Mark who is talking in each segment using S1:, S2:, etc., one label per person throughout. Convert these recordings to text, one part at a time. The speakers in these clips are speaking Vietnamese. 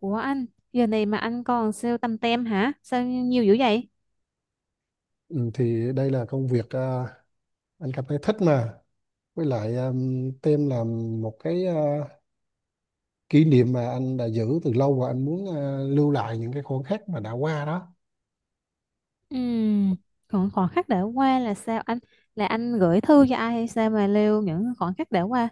S1: Ủa anh, giờ này mà anh còn sale tăm tem hả? Sao nhiều dữ vậy?
S2: Ừ, thì đây là công việc à, anh cảm thấy thích mà, với lại tem là một cái à, kỷ niệm mà anh đã giữ từ lâu, và anh muốn à, lưu lại những cái khoảnh khắc mà đã qua đó.
S1: Ừm, còn khoảnh khắc đã qua là sao anh? Là anh gửi thư cho ai hay sao mà lưu những khoảnh khắc đã qua?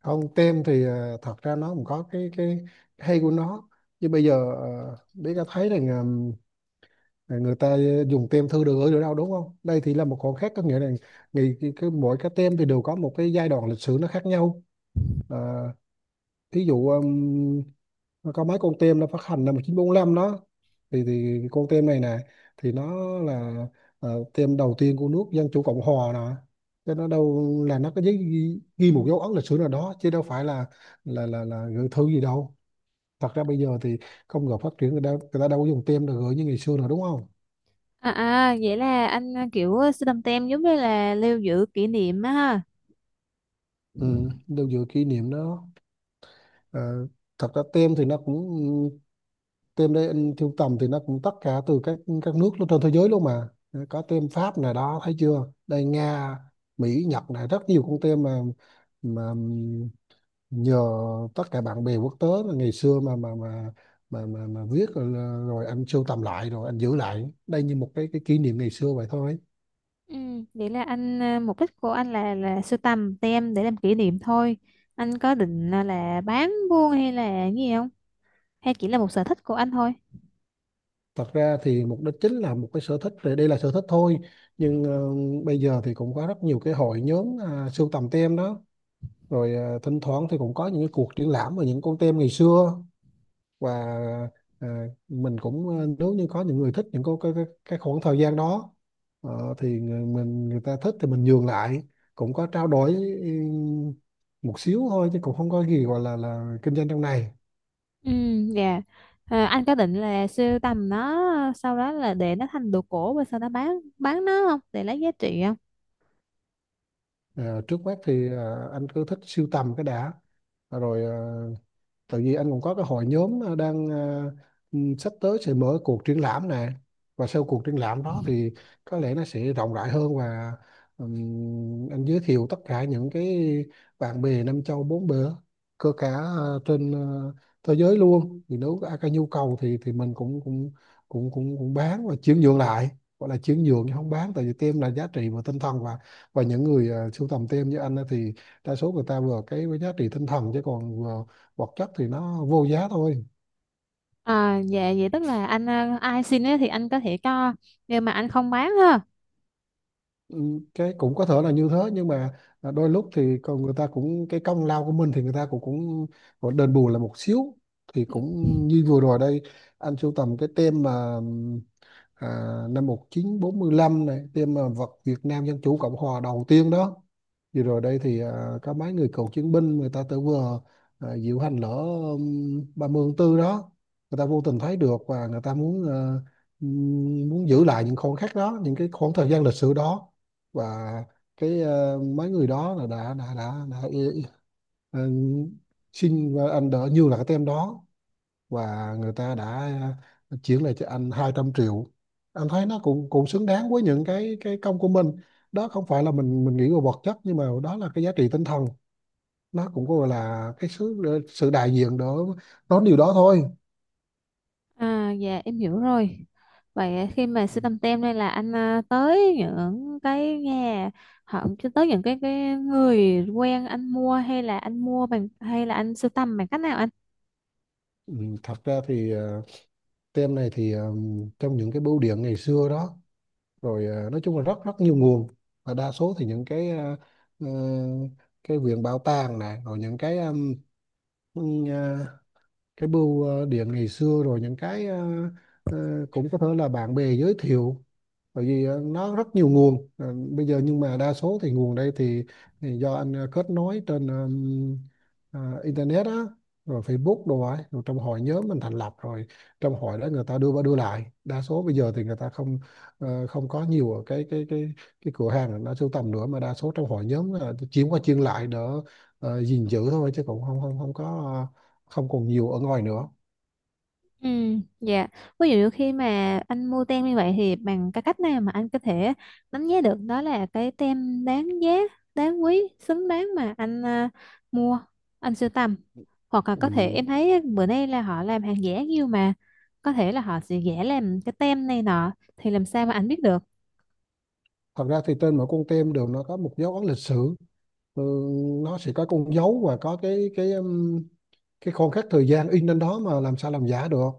S2: Không tem thì à, thật ra nó cũng có cái hay của nó, nhưng bây giờ biết có thấy rằng à, người ta dùng tem thư được gửi được đâu, đúng không? Đây thì là một khoảnh khắc, có nghĩa là ngày, mỗi cái tem thì đều có một cái giai đoạn lịch sử nó khác nhau. À, thí dụ nó có mấy con tem nó phát hành năm 1945 đó, thì con tem này nè, thì nó là ờ, tem đầu tiên của nước Dân chủ Cộng hòa nè, cho nó đâu là nó có giấy ghi, ghi một dấu ấn lịch sử nào đó chứ đâu phải là là gửi thư gì đâu. Thật ra bây giờ thì công nghiệp phát triển, người ta đâu có dùng tem để gửi như ngày xưa nữa, đúng không?
S1: À à, vậy là anh kiểu sưu tăm tem giống như là lưu giữ kỷ niệm á ha.
S2: Ừ, đâu dựa kỷ niệm đó. Ờ, thật ra tem thì nó cũng, tem đây anh sưu tầm thì nó cũng tất cả từ các nước trên thế giới luôn mà, có tem Pháp này đó, thấy chưa, đây Nga, Mỹ, Nhật này, rất nhiều con tem mà, mà nhờ tất cả bạn bè quốc tế là ngày xưa mà viết rồi, rồi anh sưu tầm lại rồi anh giữ lại đây như một cái kỷ niệm ngày xưa vậy thôi.
S1: Vậy là anh mục đích của anh là sưu tầm tem để làm kỷ niệm thôi. Anh có định là bán buôn hay là gì không? Hay chỉ là một sở thích của anh thôi?
S2: Thật ra thì mục đích chính là một cái sở thích rồi, đây là sở thích thôi, nhưng ờ, bây giờ thì cũng có rất nhiều cái hội nhóm à, sưu tầm tem đó, rồi à, thỉnh thoảng thì cũng có những cái cuộc triển lãm về những con tem ngày xưa. Và à, mình cũng à, nếu như có những người thích những cái khoảng thời gian đó, ờ, thì mình người ta thích thì mình nhường lại, cũng có trao đổi ừm, một xíu thôi, chứ cũng không có gì gọi là kinh doanh trong này.
S1: Ừ, dạ. À, anh có định là sưu tầm nó sau đó là để nó thành đồ cổ và sau đó bán nó không để lấy giá trị không?
S2: Ờ, trước mắt thì à, anh cứ thích sưu tầm cái đã, rồi à, tại vì anh cũng có cái hội nhóm ờ, đang ờ, sắp tới sẽ mở cuộc triển lãm này, và sau cuộc triển lãm đó thì có lẽ nó sẽ rộng rãi hơn. Và anh giới thiệu tất cả những cái bạn bè năm châu bốn bể, cơ cả ờ, trên ờ, thế giới luôn, thì nếu có ai có nhu cầu thì mình cũng cũng cũng cũng cũng bán và chuyển nhượng lại. Gọi là chuyển nhượng chứ không bán, tại vì tem là giá trị và tinh thần, và những người ờ, sưu tầm tem như anh á thì đa số người ta vừa cái với giá trị tinh thần, chứ còn vừa vật chất thì nó vô giá thôi.
S1: À, dạ vậy tức là anh ai xin ấy thì anh có thể cho nhưng mà anh không bán ha.
S2: Ừ, cái cũng có thể là như thế, nhưng mà à, đôi lúc thì còn người ta cũng cái công lao của mình thì người ta cũng cũng cũng đền bù là một xíu thì cũng, như vừa rồi đây anh sưu tầm cái tem mà à, năm 1945 này, thêm mà vật Việt Nam Dân Chủ Cộng Hòa đầu tiên đó. Vừa rồi đây thì à, có mấy người cựu chiến binh người ta tự vừa à, diễu hành lễ 30 tháng 4 đó, người ta vô tình thấy được và người ta muốn à, muốn giữ lại những khoảnh khắc đó, những cái khoảng thời gian lịch sử đó. Và cái à, mấy người đó là đã xin, và anh đỡ như là cái tem đó, và người ta đã ờ, chuyển lại cho anh 200 triệu. Anh thấy nó cũng cũng xứng đáng với những cái công của mình. Đó không phải là mình nghĩ về vật chất, nhưng mà đó là cái giá trị tinh thần, nó cũng gọi là cái sự, sự đại diện đó, đó điều đó thôi.
S1: À, dạ em hiểu rồi. Vậy khi mà sưu tầm tem đây là anh tới những cái nhà họ tới những cái người quen anh mua hay là anh mua bằng hay là anh sưu tầm bằng cách nào anh?
S2: Ừ, thật ra thì ờ, tem này thì ờ, trong những cái bưu điện ngày xưa đó, rồi ờ, nói chung là rất rất nhiều nguồn. Và đa số thì những cái ờ, ờ, cái viện bảo tàng này, rồi những um, cái bưu ờ, điện ngày xưa, rồi những cái ờ, ờ, cũng có thể là bạn bè giới thiệu, bởi vì ờ, nó rất nhiều nguồn. Ờ, bây giờ nhưng mà đa số thì nguồn đây thì do anh ờ, kết nối trên ờ, internet á, rồi Facebook đồ ấy, rồi trong hội nhóm mình thành lập rồi, trong hội đó người ta đưa qua đưa lại. Đa số bây giờ thì người ta không, ờ, không có nhiều ở cái cái cửa hàng nó sưu tầm nữa, mà đa số trong hội nhóm là chiếm qua chiên lại đỡ ờ, gìn giữ thôi, chứ cũng không không không có, không còn nhiều ở ngoài nữa.
S1: Ừ, dạ. Ví dụ khi mà anh mua tem như vậy thì bằng cái cách nào mà anh có thể đánh giá được đó là cái tem đáng giá, đáng quý, xứng đáng mà anh mua, anh sưu tầm. Hoặc là có thể
S2: Ừ.
S1: em thấy bữa nay là họ làm hàng giả nhiều mà có thể là họ sẽ giả làm cái tem này nọ thì làm sao mà anh biết được.
S2: Thật ra thì trên mỗi con tem đều nó có một dấu ấn lịch sử. Ừ, nó sẽ có con dấu và có cái cái khoảng khắc thời gian in lên đó, mà làm sao làm giả được.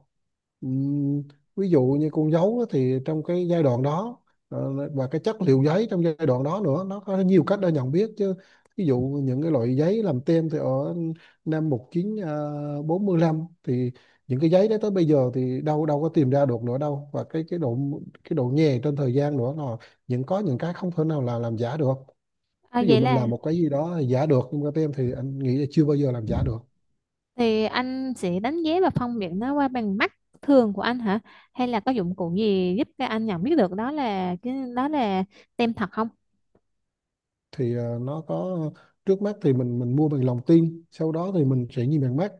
S2: Ừm, ví dụ như con dấu á, thì trong cái giai đoạn đó ờ, và cái chất liệu giấy trong giai đoạn đó nữa, nó có nhiều cách để nhận biết chứ. Ví dụ những cái loại giấy làm tem thì ở năm một chín ờ, bốn lăm thì những cái giấy đó tới bây giờ thì đâu đâu có tìm ra được nữa đâu. Và cái độ, cái độ nhè trên thời gian nữa là những, có những cái không thể nào là làm giả được.
S1: À,
S2: Ví dụ
S1: vậy
S2: mình
S1: là
S2: làm một cái gì đó giả được, nhưng mà tem thì anh nghĩ là chưa bao giờ làm giả được.
S1: thì anh sẽ đánh giá và phân biệt nó qua bằng mắt thường của anh hả? Hay là có dụng cụ gì giúp cho anh nhận biết được đó là cái đó là tem thật không?
S2: Thì ờ, nó có, trước mắt thì mình mua bằng lòng tin, sau đó thì mình sẽ nhìn bằng mắt.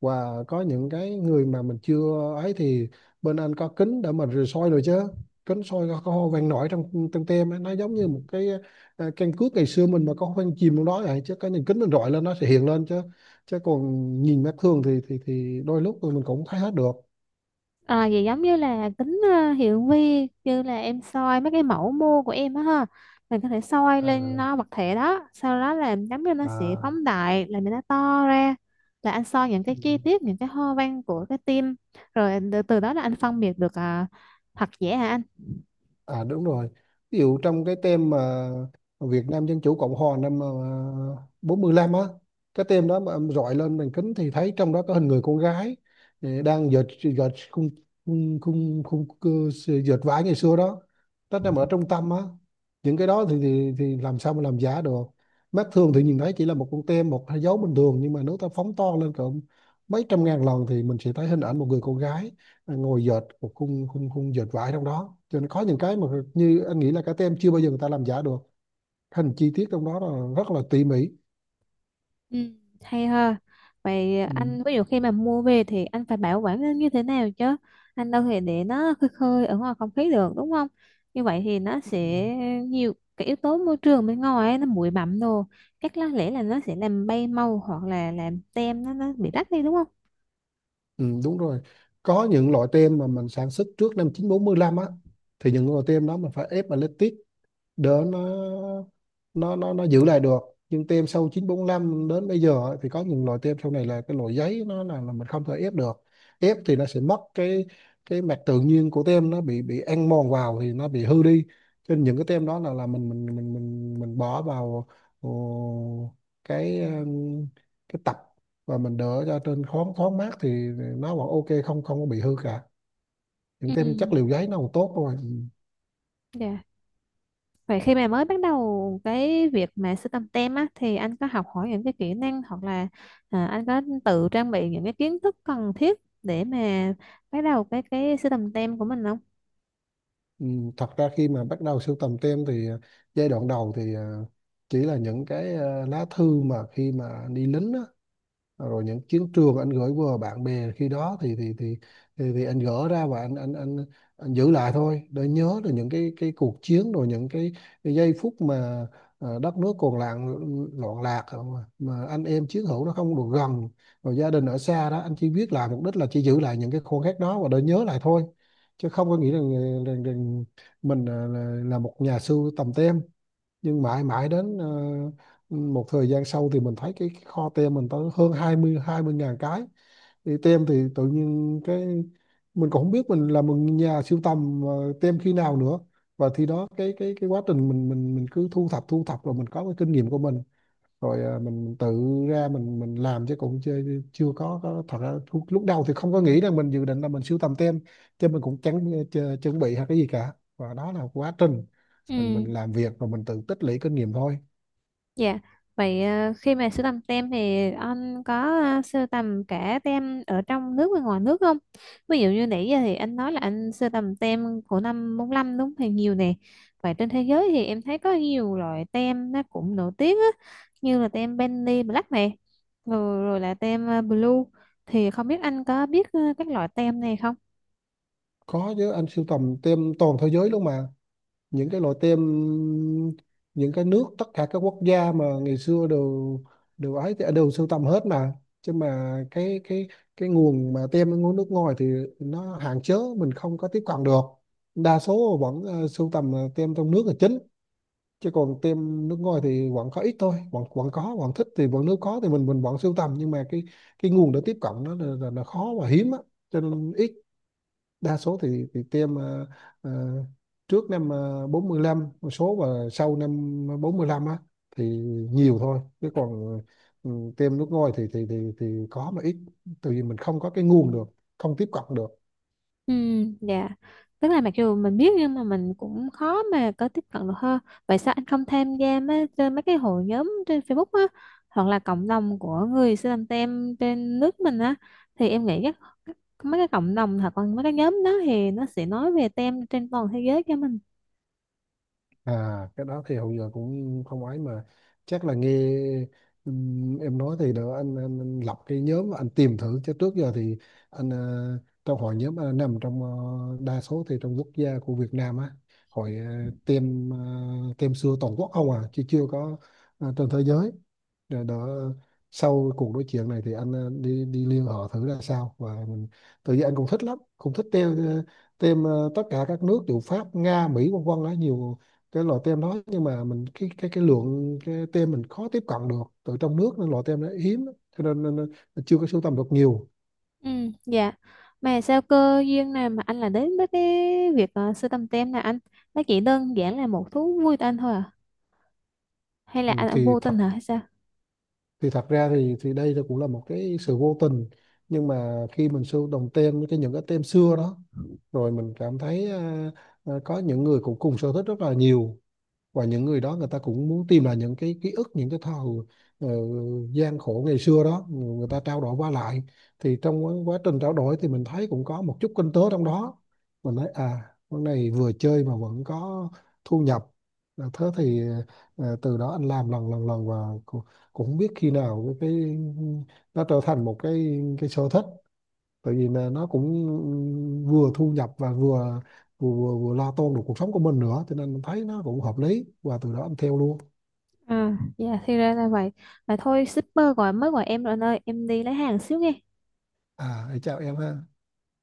S2: Và có những cái người mà mình chưa ấy thì bên anh có kính để mình rồi soi rồi chứ, kính soi có hoa văn nổi trong trong tem ấy. Nó giống như một cái ờ, căn cước ngày xưa mình mà có hoa văn chìm trong đó vậy, chứ cái nhìn kính mình rọi lên nó sẽ hiện lên chứ. Chứ còn nhìn mắt thường thì thì đôi lúc mình cũng thấy hết được.
S1: À, vậy giống như là kính hiển vi như là em soi mấy cái mẫu mô của em á ha, mình có thể soi
S2: À,
S1: lên nó vật thể đó sau đó là giống như nó sẽ
S2: à.
S1: phóng đại là cho nó to ra, là anh soi những cái chi tiết những cái hoa văn của cái tim rồi từ từ đó là anh phân biệt được thật giả hả anh?
S2: À đúng rồi. Ví dụ trong cái tem mà Việt Nam Dân Chủ Cộng Hòa năm à, 45 á, cái tem đó mà em rọi lên màn kính thì thấy trong đó có hình người con gái đang dệt, dệt khung, khung khung, khung cơ- dệt vải ngày xưa đó. Nó nằm ở trung tâm á. Những cái đó thì, thì làm sao mà làm giả được. Mắt thường thì nhìn thấy chỉ là một con tem, một dấu bình thường, nhưng mà nếu ta phóng to lên cỡ mấy trăm nghìn lần thì mình sẽ thấy hình ảnh một người con gái ngồi dệt một khung khung khung dệt vải trong đó. Cho nên có những cái mà như anh nghĩ là các tem chưa bao giờ người ta làm giả được, thành chi tiết trong đó là rất là tỉ mỉ.
S1: Ừ, hay ha. Vậy
S2: Ừ.
S1: anh ví dụ khi mà mua về thì anh phải bảo quản nó như thế nào chứ? Anh đâu thể để nó khơi khơi ở ngoài không khí được đúng không? Như vậy thì nó
S2: Ừ.
S1: sẽ nhiều cái yếu tố môi trường bên ngoài ấy, nó bụi bặm đồ. Chắc là lẽ là nó sẽ làm bay màu hoặc là làm tem nó bị rách đi đúng không?
S2: Ừ, đúng rồi. Có những loại tem mà mình sản xuất trước năm 1945 á, thì những loại tem đó mình phải ép mà đỡ nó, nó giữ lại được. Nhưng tem sau 945 đến bây giờ ấy, thì có những loại tem sau này là cái loại giấy nó là mình không thể ép được. Ép thì nó sẽ mất cái mặt tự nhiên của tem, nó bị ăn mòn vào thì nó bị hư đi. Cho nên những cái tem đó là mình mình bỏ vào ờ, cái ừm, cái tập, và mình đỡ ra trên thoáng thoáng mát thì nó vẫn ok, không không có bị hư cả, những
S1: Ừ.
S2: tem chất liệu giấy nó còn tốt thôi.
S1: Dạ. Vậy khi mà mới bắt đầu cái việc mà sưu tầm tem á, thì anh có học hỏi những cái kỹ năng hoặc là anh có tự trang bị những cái kiến thức cần thiết để mà bắt đầu cái sưu tầm tem của mình không?
S2: Ừ, thật ra khi mà bắt đầu sưu tầm tem thì giai đoạn đầu thì chỉ là những cái lá thư mà khi mà đi lính á, rồi những chiến trường anh gửi qua bạn bè khi đó thì thì anh gỡ ra và anh anh giữ lại thôi để nhớ được những cái cuộc chiến, rồi những cái giây phút mà đất nước còn loạn loạn lạc à, mà anh em chiến hữu nó không được gần, rồi gia đình ở xa đó, anh chỉ viết lại mục đích là chỉ giữ lại những cái khoảnh khắc đó và để nhớ lại thôi, chứ không có nghĩ rằng mình là một nhà sưu tầm tem. Nhưng mãi mãi đến một thời gian sau thì mình thấy cái kho tem mình tới hơn 20.000 cái thì tem, thì tự nhiên cái mình cũng không biết mình là một nhà sưu tầm tem khi nào nữa. Và thì đó cái quá trình mình mình cứ thu thập, rồi mình có cái kinh nghiệm của mình, rồi à, mình tự ra mình làm, chứ cũng chưa có, thật ra lúc đầu thì không có nghĩ rằng mình dự định là mình sưu tầm tem, chứ mình cũng chẳng chuẩn bị hay cái gì cả, và đó là quá trình mình
S1: Ừ.
S2: làm việc và mình tự tích lũy kinh nghiệm thôi.
S1: Dạ, vậy khi mà sưu tầm tem thì anh có sưu tầm cả tem ở trong nước và ngoài nước không? Ví dụ như nãy giờ thì anh nói là anh sưu tầm tem của năm 45 đúng thì nhiều nè. Vậy trên thế giới thì em thấy có nhiều loại tem nó cũng nổi tiếng á, như là tem Benny Black nè, rồi là tem Blue. Thì không biết anh có biết các loại tem này không?
S2: Có chứ, anh sưu tầm tem toàn thế giới luôn mà. Những cái loại tem, những cái nước, tất cả các quốc gia mà ngày xưa đều đều ấy thì đều sưu tầm hết mà. Chứ mà cái cái nguồn mà tem ở nguồn nước ngoài thì nó hạn chế, mình không có tiếp cận được. Đa số vẫn sưu tầm tem trong nước là chính, chứ còn tem nước ngoài thì vẫn có ít thôi, vẫn vẫn có, vẫn thích, thì vẫn, nếu có thì mình vẫn sưu tầm, nhưng mà cái nguồn để tiếp cận nó là khó và hiếm á, cho nên ít. Đa số thì tiêm ờ, trước năm 45 một số, và sau năm bốn lăm á thì nhiều thôi, chứ còn ừ, tiêm nước ngoài thì có mà ít, tại vì mình không có cái nguồn được, không tiếp cận được.
S1: Ừ, dạ. Tức là mặc dù mình biết nhưng mà mình cũng khó mà có tiếp cận được hơn. Vậy sao anh không tham gia mấy, trên mấy cái hội nhóm trên Facebook á hoặc là cộng đồng của người Sri Lanka tem trên nước mình á thì em nghĩ các mấy cái cộng đồng hoặc là mấy cái nhóm đó thì nó sẽ nói về tem trên toàn thế giới cho mình.
S2: À, cái đó thì hầu giờ cũng không ấy mà, chắc là nghe em nói thì đỡ anh, anh lập cái nhóm anh tìm thử. Chứ trước giờ thì anh trong hội nhóm anh nằm trong đa số thì trong quốc gia của Việt Nam á, hội tem, tem xưa toàn quốc không à, chứ chưa có trên thế giới. Rồi đó, sau cuộc nói chuyện này thì anh đi đi liên hệ thử ra sao. Và mình tự nhiên anh cũng thích lắm, cũng thích tem tem tất cả các nước, dù Pháp, Nga, Mỹ, vân vân đó, nhiều cái loại tem đó. Nhưng mà mình cái cái lượng cái tem mình khó tiếp cận được từ trong nước, nên loại tem nó hiếm, cho nên, nên, nên chưa có sưu tầm được nhiều.
S1: Ừ, dạ. Mà sao cơ duyên nào mà anh lại đến với cái việc sưu tầm tem này anh? Nó chỉ đơn giản là một thú vui của anh thôi à? Hay là
S2: Ừ,
S1: anh vô tình hả?
S2: thì thật ra thì đây là cũng là một cái sự vô tình, nhưng mà khi mình sưu đồng tem cái những cái tem xưa đó, rồi mình cảm thấy à, có những người cũng cùng sở thích rất là nhiều. Và những người đó người ta cũng muốn tìm lại những cái ký ức, những cái thời ờ, gian khổ ngày xưa đó, người người ta trao đổi qua lại. Thì trong quá quá trình trao đổi thì mình thấy cũng có một chút kinh tế trong đó. Mình thấy à, con này vừa chơi mà vẫn có thu nhập. À, thế thì từ đó anh làm lần lần lần, và cũng, cũng không biết khi nào cái nó trở thành một cái sở thích. Tại vì là nó cũng vừa thu nhập và vừa lo toan được cuộc sống của mình nữa, cho nên mình thấy nó cũng hợp lý, và từ đó em theo luôn.
S1: À, dạ thì ra là vậy. Vậy thôi shipper gọi mới gọi em rồi anh ơi, em đi lấy hàng xíu nghe.
S2: À, chào em ha.